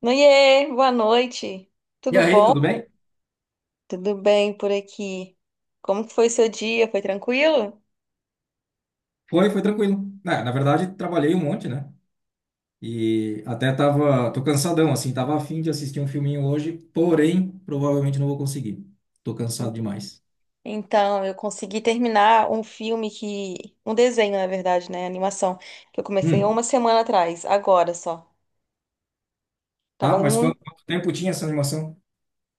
Noie, boa noite. E Tudo aí, bom? tudo bem? Tudo bem por aqui. Como que foi seu dia? Foi tranquilo? Foi, tranquilo. Na verdade, trabalhei um monte, né? E até tava, tô cansadão, assim, tava a fim de assistir um filminho hoje, porém, provavelmente não vou conseguir. Tô cansado demais. Então, eu consegui terminar um filme que... um desenho, na verdade, né? Animação. Que eu comecei há uma Hum, semana atrás, agora só. tá? Tava Mas quanto, muito... quanto tempo tinha essa animação?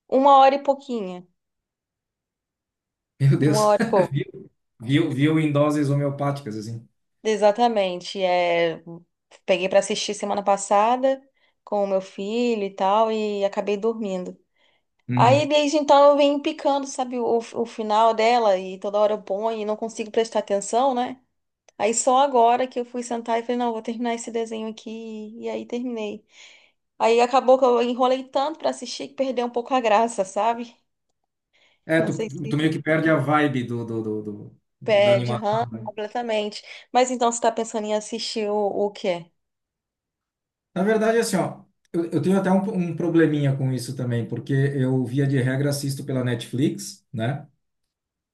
Uma hora e pouquinha. Meu Uma Deus. hora e pouco. Viu, viu, em doses homeopáticas, assim. Exatamente. Peguei pra assistir semana passada com o meu filho e tal e acabei dormindo. Aí Uhum. desde então eu venho picando, sabe, o final dela e toda hora eu ponho e não consigo prestar atenção, né? Aí só agora que eu fui sentar e falei, não, vou terminar esse desenho aqui e aí terminei. Aí acabou que eu enrolei tanto pra assistir que perdeu um pouco a graça, sabe? É, Não tu, sei tu se meio que perde a vibe da perde, aham, animação, né? completamente. Mas então você tá pensando em assistir o quê? Na verdade, assim, ó, eu tenho até um probleminha com isso também, porque eu, via de regra, assisto pela Netflix, né?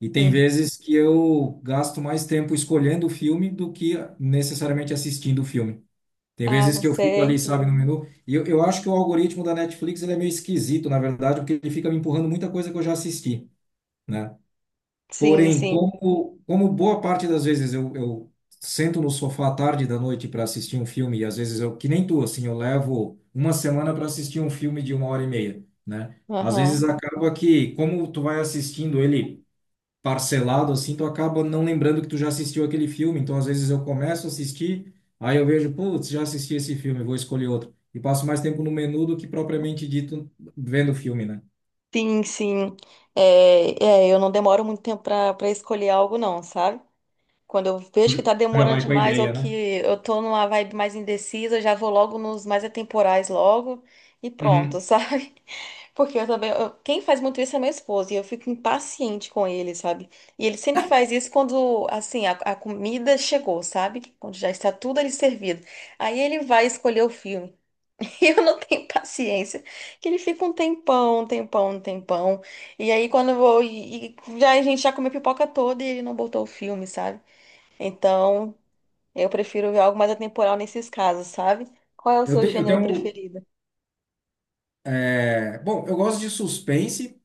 E tem Hum. vezes que eu gasto mais tempo escolhendo o filme do que necessariamente assistindo o filme. Tem Ah, vezes que eu fico ali, você. sabe, no menu. E eu acho que o algoritmo da Netflix ele é meio esquisito, na verdade, porque ele fica me empurrando muita coisa que eu já assisti, né? Sim, Porém, sim. como boa parte das vezes eu sento no sofá à tarde da noite para assistir um filme, e às vezes eu, que nem tu, assim, eu levo uma semana para assistir um filme de uma hora e meia, né? Às Aham. vezes acaba que, como tu vai assistindo ele parcelado assim, tu acaba não lembrando que tu já assistiu aquele filme. Então, às vezes eu começo a assistir, aí eu vejo, putz, já assisti esse filme, vou escolher outro. E passo mais tempo no menu do que propriamente dito vendo o filme, né? Sim, sim. É, é, eu não demoro muito tempo pra para escolher algo, não, sabe? Quando eu Tu vejo já que tá tu já demorando vai com a demais ou ideia, que né? eu tô numa vibe mais indecisa, eu já vou logo nos mais atemporais logo e pronto, Uhum. sabe? Porque eu também, quem faz muito isso é meu esposo e eu fico impaciente com ele, sabe? E ele sempre faz isso quando, assim, a comida chegou, sabe? Quando já está tudo ali servido. Aí ele vai escolher o filme. E eu não tenho paciência, que ele fica um tempão, um tempão, um tempão. E aí quando eu vou e já a gente já comeu pipoca toda e ele não botou o filme, sabe? Então, eu prefiro ver algo mais atemporal nesses casos, sabe? Qual é o Eu, te, seu eu gênero tenho. preferido? Bom, eu gosto de suspense,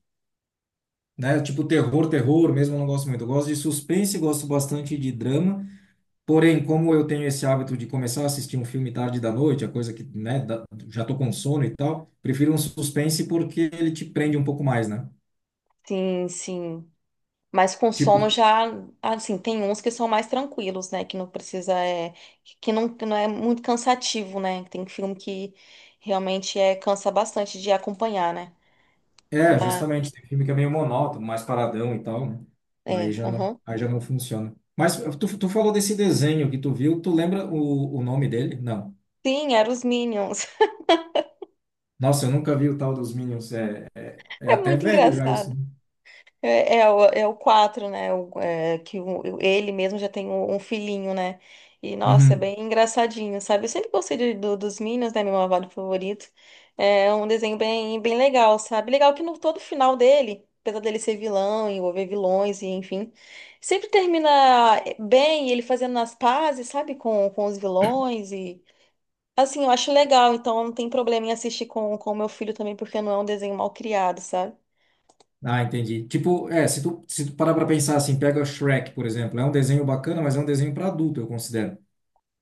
né? Tipo terror, terror mesmo, eu não gosto muito. Eu gosto de suspense, gosto bastante de drama. Porém, como eu tenho esse hábito de começar a assistir um filme tarde da noite, a coisa que, né, já tô com sono e tal, prefiro um suspense porque ele te prende um pouco mais, né? Sim, sim. Mas com sono Tipo, já, assim, tem uns que são mais tranquilos, né? Que não precisa, é, que não é muito cansativo, né? Tem filme que realmente é, cansa bastante de acompanhar, né? Justamente, tem filme que é meio monótono, mais paradão e tal, né? Aí É, já não, aham. aí já não funciona. Mas tu falou desse desenho que tu viu, tu lembra o nome dele? Não. Sim, eram os Minions. Nossa, eu nunca vi o tal dos Minions, é É até muito velho já isso. engraçado. Né? É o quatro, né? Ele mesmo já tem um filhinho, né? E, nossa, é Uhum. bem engraçadinho, sabe? Eu sempre gostei dos Minions, né? Meu malvado favorito. É um desenho bem, bem legal, sabe? Legal que no todo final dele, apesar dele ser vilão, envolver vilões e enfim, sempre termina bem, ele fazendo as pazes, sabe? Com os vilões e... Assim, eu acho legal, então não tem problema em assistir com o meu filho também, porque não é um desenho mal criado, sabe? Ah, entendi. Tipo, é, se tu parar pra pensar assim, pega Shrek, por exemplo, é um desenho bacana, mas é um desenho pra adulto, eu considero.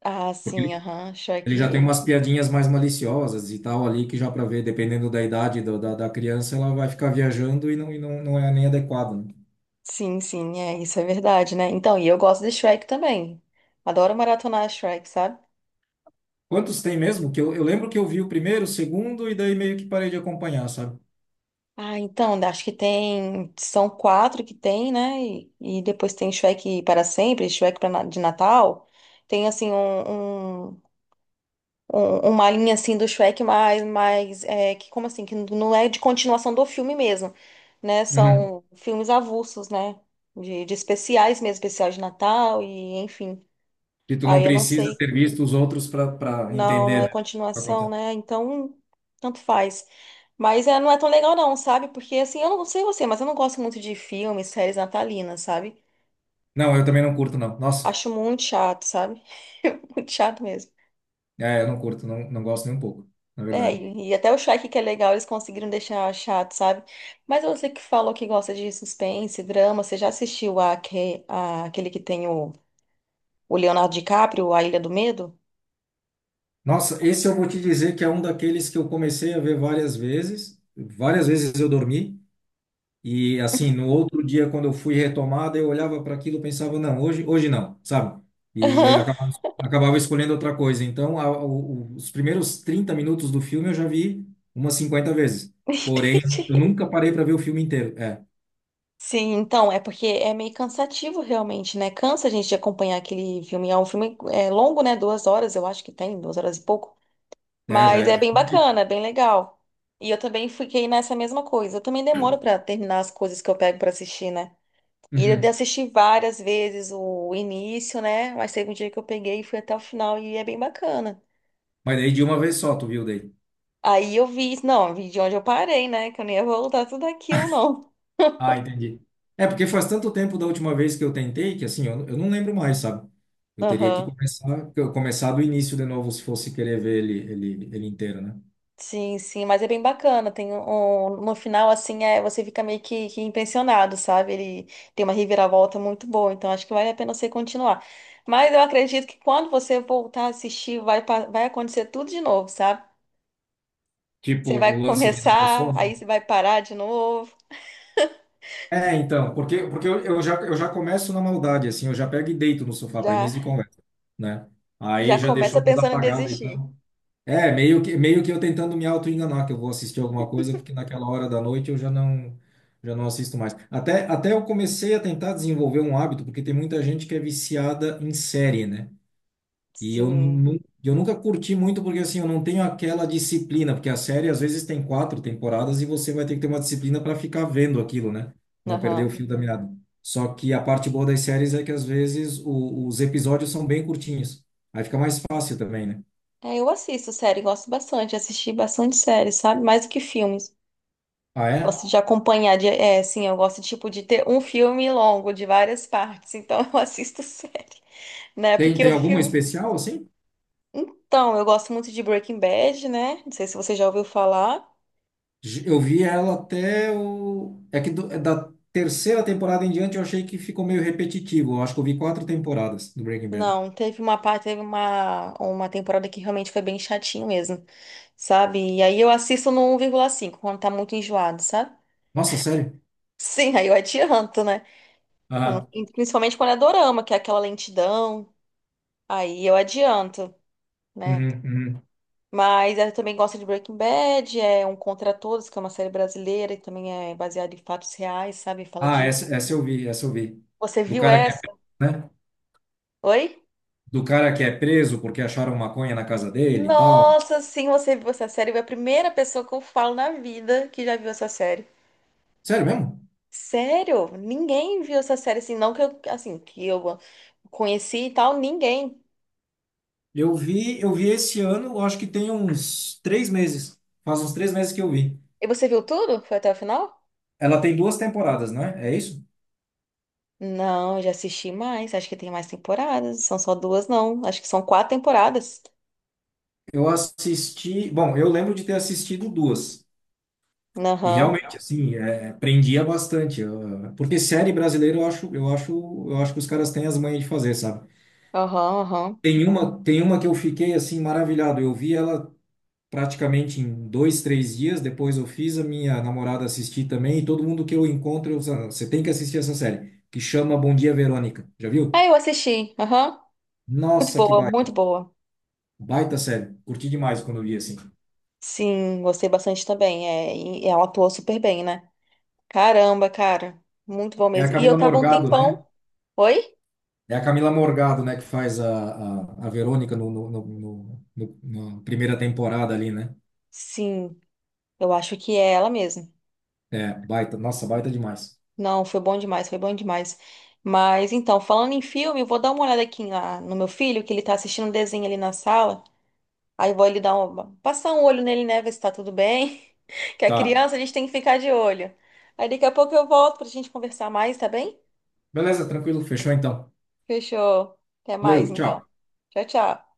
Ah, Porque sim, ele, aham. ele já tem Shrek. umas piadinhas mais maliciosas e tal ali, que já pra ver, dependendo da idade da criança, ela vai ficar viajando e não é nem adequado, né? Sim, sim, é, isso é verdade, né? Então, e eu gosto de Shrek também. Adoro maratonar Shrek, sabe? Quantos tem mesmo? Que eu lembro que eu vi o primeiro, o segundo, e daí meio que parei de acompanhar, sabe? Ah, então, né, acho que tem. São quatro que tem, né? E depois tem Shrek para sempre, de Natal. Tem, assim, uma linha, assim, do Shrek mais, mais é, que, como assim, que não é de continuação do filme mesmo, né? Uhum. São filmes avulsos, né? De especiais mesmo, especial de Natal e, enfim. Que tu não Aí eu não precisa sei. ter visto os outros pra Não, não entender, é né? Pra continuação, contar. né? Então, tanto faz. Mas é, não é tão legal não, sabe? Porque assim, eu não sei você, mas eu não gosto muito de filmes, séries natalinas, sabe? Não, eu também não curto, não. Nossa, Acho muito chato, sabe? Muito chato mesmo. é, eu não curto, não, não gosto nem um pouco, na É, verdade. e até o Shrek que é legal, eles conseguiram deixar chato, sabe? Mas você que falou que gosta de suspense, drama, você já assistiu aquele que tem o Leonardo DiCaprio, A Ilha do Medo? Nossa, esse eu vou te dizer que é um daqueles que eu comecei a ver várias vezes. Várias vezes eu dormi e assim, no outro dia quando eu fui retomada, eu olhava para aquilo e pensava, não, hoje, hoje não, sabe? E, aí Aham, acabava escolhendo outra coisa. Então, os primeiros 30 minutos do filme eu já vi umas 50 vezes. Porém, eu entendi. nunca parei para ver o filme inteiro. É, Sim, então, é porque é meio cansativo realmente, né? Cansa a gente de acompanhar aquele filme. É um filme é, longo, né? 2 horas, eu acho que tem, 2 horas e pouco. é, já, Mas é, é já. bem bacana, é bem legal. E eu também fiquei nessa mesma coisa. Eu também demoro pra terminar as coisas que eu pego pra assistir, né? E eu Uhum. assisti várias vezes o início, né? Mas teve um dia que eu peguei e fui até o final e é bem bacana. Mas daí de uma vez só, tu viu daí? Aí eu vi, não, eu vi de onde eu parei, né? Que eu nem ia voltar tudo aquilo, não. Ah, entendi. É porque faz tanto tempo da última vez que eu tentei que assim, eu não lembro mais, sabe? Eu teria que Aham. começar, que eu começar do início de novo se fosse querer ver ele inteiro, né? Sim, sim, mas é bem bacana. Tem um, no final, assim, é, você fica meio que impressionado, sabe? Ele tem uma reviravolta muito boa, então acho que vale a pena você continuar. Mas eu acredito que quando você voltar a assistir, vai, vai acontecer tudo de novo, sabe? Tipo Você o vai lance de dar o começar, sono. aí você vai parar de novo, É, então, porque eu já começo na maldade assim, eu já pego e deito no sofá para já, início de conversa, né? Aí já já começa deixou a luz pensando em apagada e desistir. tal. É, meio que eu tentando me auto-enganar que eu vou assistir alguma coisa, porque naquela hora da noite eu já não, assisto mais. Até eu comecei a tentar desenvolver um hábito, porque tem muita gente que é viciada em série, né? E eu, Sim, nu- eu nunca curti muito, porque assim, eu não tenho aquela disciplina, porque a série às vezes tem quatro temporadas e você vai ter que ter uma disciplina para ficar vendo aquilo, né? Não perder o aham. fio da meada. Só que a parte boa das séries é que às vezes os episódios são bem curtinhos. Aí fica mais fácil também, né? É, eu assisto série, gosto bastante, assisti bastante série, sabe? Mais do que filmes. Ah, é? Gosto de acompanhar, sim, eu gosto, tipo, de ter um filme longo, de várias partes, então eu assisto série, né, Tem, porque tem o alguma filme... especial, assim? Então, eu gosto muito de Breaking Bad, né, não sei se você já ouviu falar, Eu vi ela até o. É que é da terceira temporada em diante eu achei que ficou meio repetitivo. Eu acho que eu vi quatro temporadas do Breaking Bad. não, teve uma parte, teve uma temporada que realmente foi bem chatinho mesmo, sabe, e aí eu assisto no 1,5 quando tá muito enjoado, sabe? Nossa, sério? Sim, aí eu adianto, né, Ah, principalmente quando é dorama, que é aquela lentidão, aí eu adianto, né. uhum, uhum. Mas ela também gosta de Breaking Bad, é Um Contra Todos, que é uma série brasileira e também é baseada em fatos reais, sabe? Fala Ah, de. essa eu vi, essa eu vi. Você Do viu cara que é, essa? né? Oi? Do cara que é preso porque acharam maconha na casa dele e tal. Nossa, sim, você viu essa série? É a primeira pessoa que eu falo na vida que já viu essa série. Sério mesmo? Sério? Ninguém viu essa série assim, não que eu, assim, que eu conheci e tal, ninguém. Eu vi esse ano, eu acho que tem uns 3 meses. Faz uns 3 meses que eu vi. E você viu tudo? Foi até o final? Ela tem duas temporadas, não é? É isso? Não, eu já assisti mais. Acho que tem mais temporadas. São só duas, não. Acho que são quatro temporadas. Eu assisti, bom, eu lembro de ter assistido duas. E Aham. realmente, assim, é, prendia bastante. Porque série brasileira eu acho que os caras têm as manhas de fazer, sabe? Aham, aham. Tem uma que eu fiquei assim maravilhado. Eu vi ela praticamente em dois, três dias. Depois eu fiz a minha namorada assistir também. E todo mundo que eu encontro, eu, falo, você tem que assistir essa série, que chama Bom Dia, Verônica. Já Ah, viu? eu assisti. Aham. Muito Nossa, que boa, muito baita, boa. baita série. Curti demais quando eu vi assim. Sim, gostei bastante também. É, e ela atuou super bem, né? Caramba, cara. Muito bom É a mesmo. E eu Camila tava um Morgado, né? tempão. Oi? É a Camila Morgado, né, que faz a Verônica na primeira temporada ali, né? Sim, eu acho que é ela mesmo. É, baita, nossa, baita demais. Não, foi bom demais, foi bom demais. Mas então, falando em filme, eu vou dar uma olhada aqui lá no meu filho, que ele tá assistindo um desenho ali na sala. Aí eu vou ele dar uma, passar um olho nele, né? Ver se tá tudo bem. Que a Tá. criança a gente tem que ficar de olho. Aí daqui a pouco eu volto pra gente conversar mais, tá bem? Beleza, tranquilo, fechou então. Fechou. Até mais, Valeu, então. tchau. Tchau, tchau.